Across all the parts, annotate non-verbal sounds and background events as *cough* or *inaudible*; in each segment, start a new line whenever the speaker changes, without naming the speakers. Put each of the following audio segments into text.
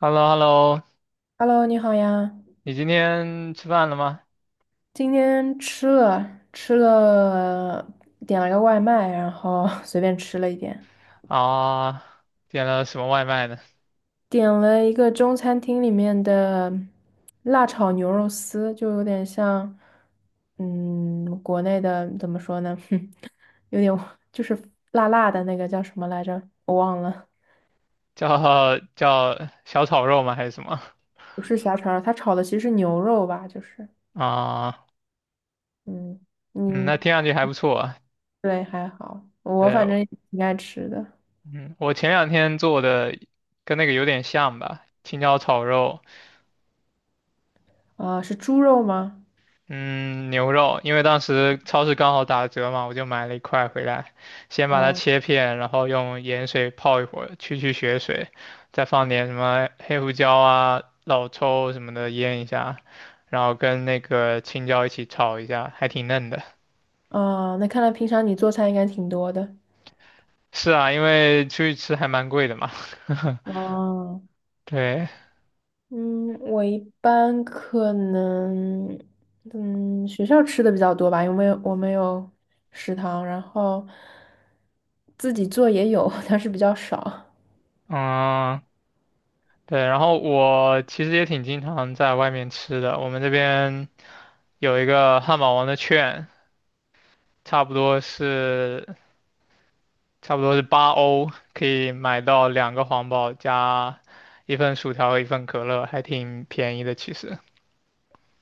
h e l l o h e l l o
Hello，你好呀。
你今天吃饭了吗？
今天吃了，点了个外卖，然后 *laughs* 随便吃了一点，
啊，点了什么外卖呢？
点了一个中餐厅里面的辣炒牛肉丝，就有点像，国内的怎么说呢？*laughs* 哼，有点就是辣辣的那个叫什么来着？我忘了，
*laughs* 叫小炒肉吗？还是什么？
不是虾肠儿，它炒的其实是牛肉吧？就是，
啊，嗯，那
嗯，你
听上去还不错啊。
对还好，我反
对，
正也挺爱吃的。
嗯，我前两天做的跟那个有点像吧，青椒炒肉，
啊，是猪肉吗？
嗯，牛肉，因为当时超市刚好打折嘛，我就买了一块回来，先把它
嗯。
切片，然后用盐水泡一会儿，去去血水，再放点什么黑胡椒啊、老抽什么的腌一下。然后跟那个青椒一起炒一下，还挺嫩的。
哦，那看来平常你做菜应该挺多的。
*laughs* 是啊，因为出去吃还蛮贵的嘛。*laughs*
哦，
对，
嗯，我一般可能，学校吃的比较多吧，因为我没有食堂，然后自己做也有，但是比较少。
嗯，对。然后我其实也挺经常在外面吃的。我们这边有一个汉堡王的券，差不多是差不多是8欧，可以买到两个皇堡加一份薯条和一份可乐，还挺便宜的其实。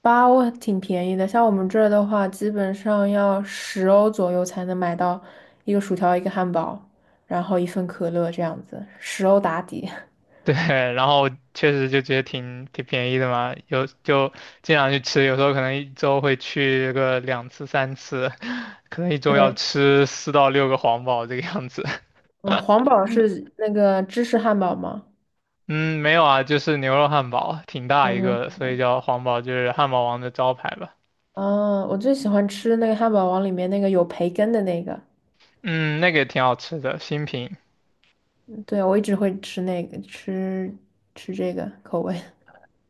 包挺便宜的，像我们这儿的话，基本上要十欧左右才能买到一个薯条、一个汉堡，然后一份可乐这样子，十欧打底。*laughs*
*laughs* 对，然后确实就觉得挺便宜的嘛，有就经常去吃，有时候可能一周会去个两次三次，*laughs* 可能一周要
对，
吃四到六个皇堡这个样子。*laughs*
嗯，皇堡是那个芝士汉堡吗？
嗯，没有啊，就是牛肉汉堡，挺大
嗯，
一
你要
个的，
什
所以
么？
叫皇堡，就是汉堡王的招牌吧。
嗯，我最喜欢吃那个汉堡王里面那个有培根的那个，
嗯，那个也挺好吃的，新品。
对，我一直会吃那个，吃这个口味。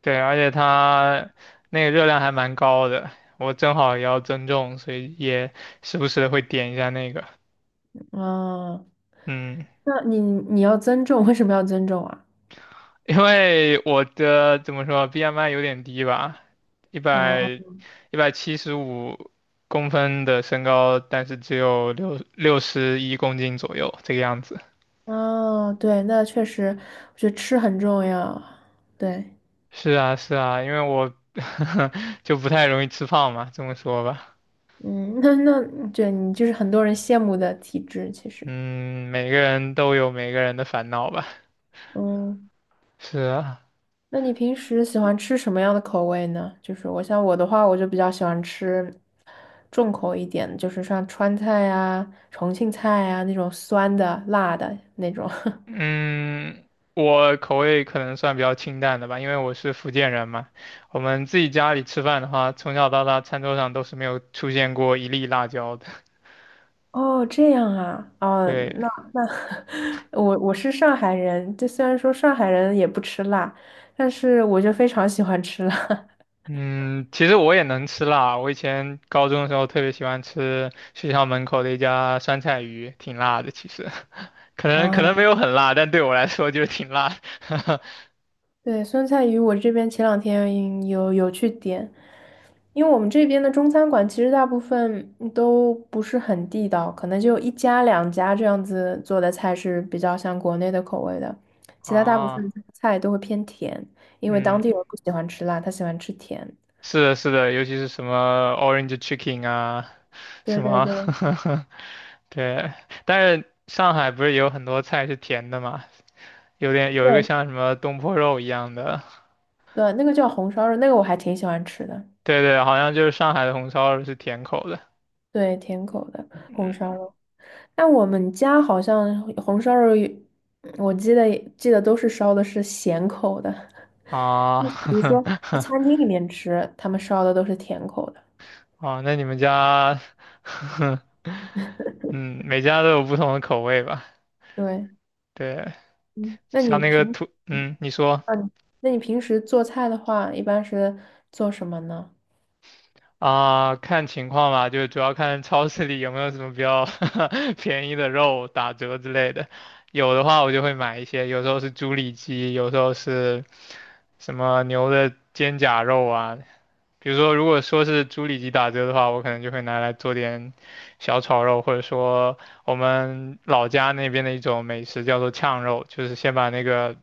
对，而且它那个热量还蛮高的，我正好也要增重，所以也时不时的会点一下那个。
嗯，
嗯。
那你要增重，为什么要增重啊？
因为我的怎么说，BMI 有点低吧，一
哦
百一百七十五公分的身高，但是只有六十一公斤左右这个样子。
哦，对，那确实，我觉得吃很重要。对，
是啊，是啊，因为我 *laughs* 就不太容易吃胖嘛，这么说吧。
嗯，那那对你就是很多人羡慕的体质，其实，
嗯，每个人都有每个人的烦恼吧。
嗯。
是啊，
那你平时喜欢吃什么样的口味呢？就是我的话，我就比较喜欢吃重口一点的，就是像川菜啊、重庆菜啊那种酸的、辣的那种。*laughs*
嗯，我口味可能算比较清淡的吧，因为我是福建人嘛。我们自己家里吃饭的话，从小到大餐桌上都是没有出现过一粒辣椒的。*laughs*
哦，这样啊，哦，
对，
那 *laughs* 我是上海人，就虽然说上海人也不吃辣，但是我就非常喜欢吃辣。
嗯，其实我也能吃辣，我以前高中的时候特别喜欢吃学校门口的一家酸菜鱼，挺辣的。其实 *laughs* 可
*laughs*
能可
啊，
能没有很辣，但对我来说就是挺辣的。
对，酸菜鱼我这边前两天有去点，因为我们这边的中餐馆其实大部分都不是很地道，可能就一家两家这样子做的菜是比较像国内的口味的，
*laughs*
其他大部分
啊，
菜都会偏甜，因为当地
嗯，
人不喜欢吃辣，他喜欢吃甜。
是的，是的，尤其是什么 Orange Chicken 啊，
对
什
对
么，
对
*laughs* 对，但是上海不是有很多菜是甜的嘛，有一个
对
像什么东坡肉一样的，
对，那个叫红烧肉，那个我还挺喜欢吃的，
对对，好像就是上海的红烧肉是甜口的，
对，甜口的红
嗯
烧肉。但我们家好像红烧肉也我记得都是烧的是咸口的，
啊，
比如说去
*laughs*
餐厅里面吃，他们烧的都是甜口的。
啊，那你们家，*laughs* 嗯，每家都有不同的口味吧？
对，
对，
嗯，那
像
你
那个
平时，
土，嗯，你说。
嗯，那你平时做菜的话，一般是做什么呢？
啊，看情况吧，就是主要看超市里有没有什么比较 *laughs* 便宜的肉打折之类的。有的话，我就会买一些，有时候是猪里脊，有时候是什么牛的肩胛肉啊。比如说，如果说是猪里脊打折的话，我可能就会拿来做点小炒肉，或者说我们老家那边的一种美食叫做炝肉，就是先把那个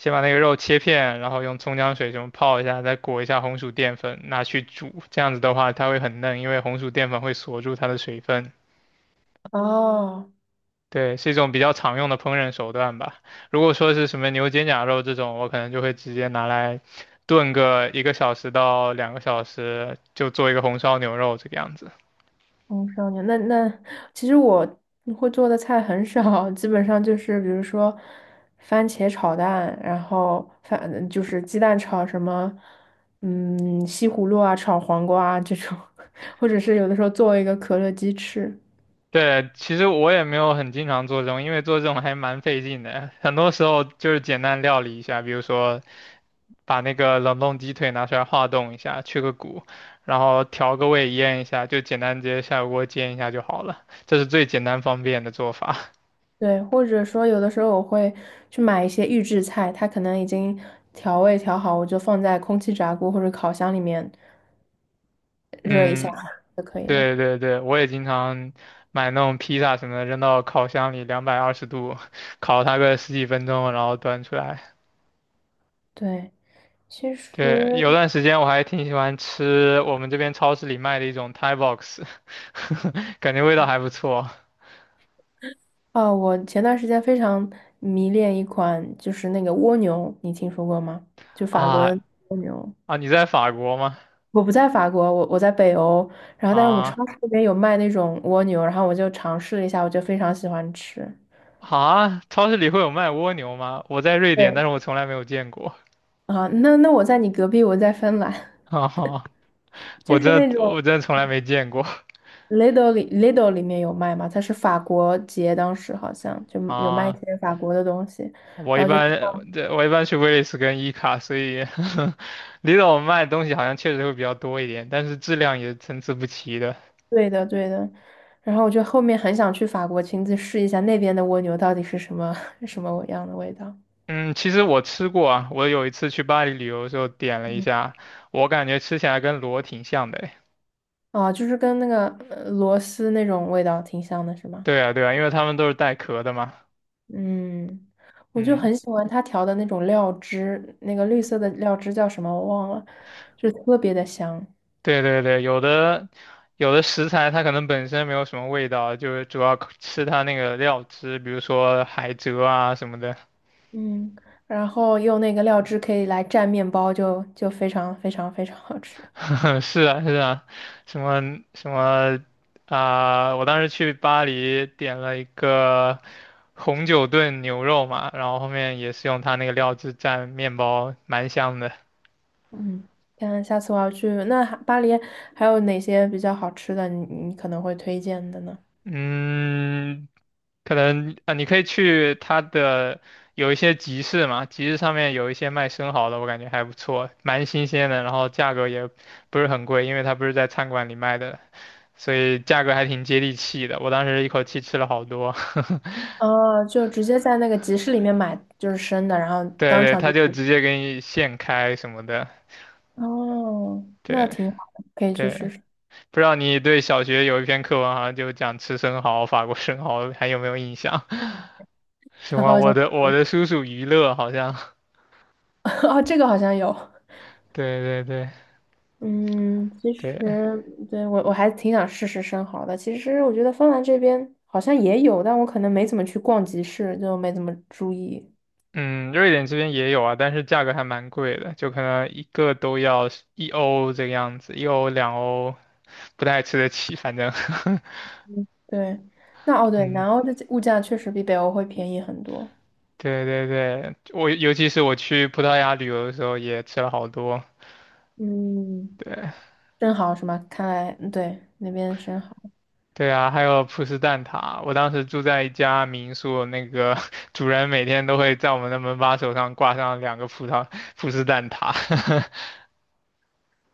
先把那个肉切片，然后用葱姜水什么泡一下，再裹一下红薯淀粉，拿去煮。这样子的话，它会很嫩，因为红薯淀粉会锁住它的水分。
哦，
对，是一种比较常用的烹饪手段吧。如果说是什么牛肩胛肉这种，我可能就会直接拿来炖个一个小时到两个小时，就做一个红烧牛肉这个样子。
红烧牛，其实我会做的菜很少，基本上就是比如说番茄炒蛋，然后反就是鸡蛋炒什么，嗯，西葫芦啊，炒黄瓜啊这种，*laughs* 或者是有的时候做一个可乐鸡翅。
对，其实我也没有很经常做这种，因为做这种还蛮费劲的。很多时候就是简单料理一下，比如说把那个冷冻鸡腿拿出来化冻一下，去个骨，然后调个味腌一下，就简单直接下锅煎一下就好了。这是最简单方便的做法。
对，或者说有的时候我会去买一些预制菜，它可能已经调味调好，我就放在空气炸锅或者烤箱里面
*laughs*
热一下
嗯，
就可以了。
对对对，我也经常买那种披萨什么的，扔到烤箱里220度，*laughs* 烤它个十几分钟，然后端出来。
对，其
对，
实
有段时间我还挺喜欢吃我们这边超市里卖的一种 Thai box，*laughs* 感觉味道还不错
哦，我前段时间非常迷恋一款就是那个蜗牛，你听说过吗？就法国的
啊。
蜗牛。
啊！你在法国吗？
我不在法国，我在北欧，然后但是我们超
啊。
市那边有卖那种蜗牛，然后我就尝试了一下，我就非常喜欢吃。
啊！超市里会有卖蜗牛吗？我在瑞典，
对
但是我从来没有见过
啊，那我在你隔壁，我在芬兰。
啊。
*laughs*
*laughs*！我
就是
真
那
的
种
我真的从来没见过
Lidl 里 Lidl 里面有卖吗？它是法国节，当时好像就有卖一
啊！
些法国的东西，
我
然
一
后就
般对，我一般去威利斯跟伊卡，所以 *laughs* 离岛卖的东西好像确实会比较多一点，但是质量也参差不齐的。
对的对的，然后我就后面很想去法国亲自试一下那边的蜗牛到底是什么 *laughs* 什么样的味道。
嗯，其实我吃过啊，我有一次去巴黎旅游的时候点了一
嗯，
下，我感觉吃起来跟螺挺像的诶。
啊，就是跟那个螺丝那种味道挺像的，是吗？
对啊，对啊，因为他们都是带壳的嘛。
嗯，我就
嗯，
很喜欢它调的那种料汁，那个绿色的料汁叫什么我忘了，就特别的香。
对对对，有的食材它可能本身没有什么味道，就是主要靠吃它那个料汁，比如说海蜇啊什么的。
嗯，然后用那个料汁可以来蘸面包就，就非常非常非常好吃。
*laughs* 嗯，是啊，是啊，什么什么啊、我当时去巴黎点了一个红酒炖牛肉嘛，然后后面也是用它那个料汁蘸面包，蛮香的。
嗯，看下次我要去，那还巴黎还有哪些比较好吃的你，你可能会推荐的呢？
嗯，可能啊、你可以去它的有一些集市嘛，集市上面有一些卖生蚝的，我感觉还不错，蛮新鲜的，然后价格也不是很贵，因为它不是在餐馆里卖的，所以价格还挺接地气的。我当时一口气吃了好多。*laughs*
哦，就直接在那个集市里面买，就是生的，然后
对
当
对，
场
他
就
就直接给你现开什么的。
煮哦，那
对
挺好的，可以去
对，
试试。
不知道你对小学有一篇课文，好像就讲吃生蚝，法国生蚝，还有没有印象？*laughs* 什
*laughs*
么
好
我
像
的我的叔叔于勒，好像。
*laughs* 哦，这个好像有。
*laughs* 对对对
嗯，其
对，
实对我还挺想试试生蚝的。其实我觉得芬兰这边好像也有，但我可能没怎么去逛集市，就没怎么注意。
嗯，瑞典这边也有啊，但是价格还蛮贵的，就可能一个都要一欧这个样子，一欧两欧不太吃得起，反正，
对，那哦
*laughs*
对，
嗯，
南欧的物价确实比北欧会便宜很多。
对对对，我尤其是我去葡萄牙旅游的时候也吃了好多，
嗯，
对。
生蚝是吗？看来嗯对那边生蚝
对啊，还有葡式蛋挞。我当时住在一家民宿，那个 *laughs* 主人每天都会在我们的门把手上挂上两个葡式蛋挞。*laughs*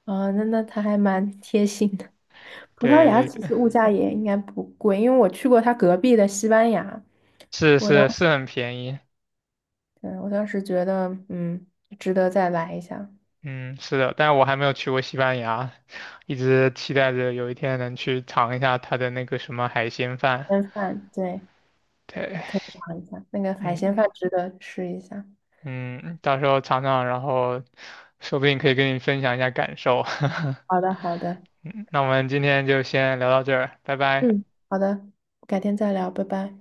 啊，那那他还蛮 *laughs* 贴心的。*laughs* 葡萄
对
牙
对
其
对，
实物价也应该不贵，因为我去过他隔壁的西班牙，
是
我当
是
时
是很便宜。
对我当时觉得嗯值得再来一下，
嗯，是的，但我还没有去过西班牙，一直期待着有一天能去尝一下它的那个什么海鲜饭。
边饭对。
对，
尝一下，那个海鲜
嗯
饭值得试一下。
嗯，到时候尝尝，然后说不定可以跟你分享一下感受。*laughs*
好的，好的，
嗯，那我们今天就先聊到这儿，拜拜。
嗯，好的，改天再聊，拜拜。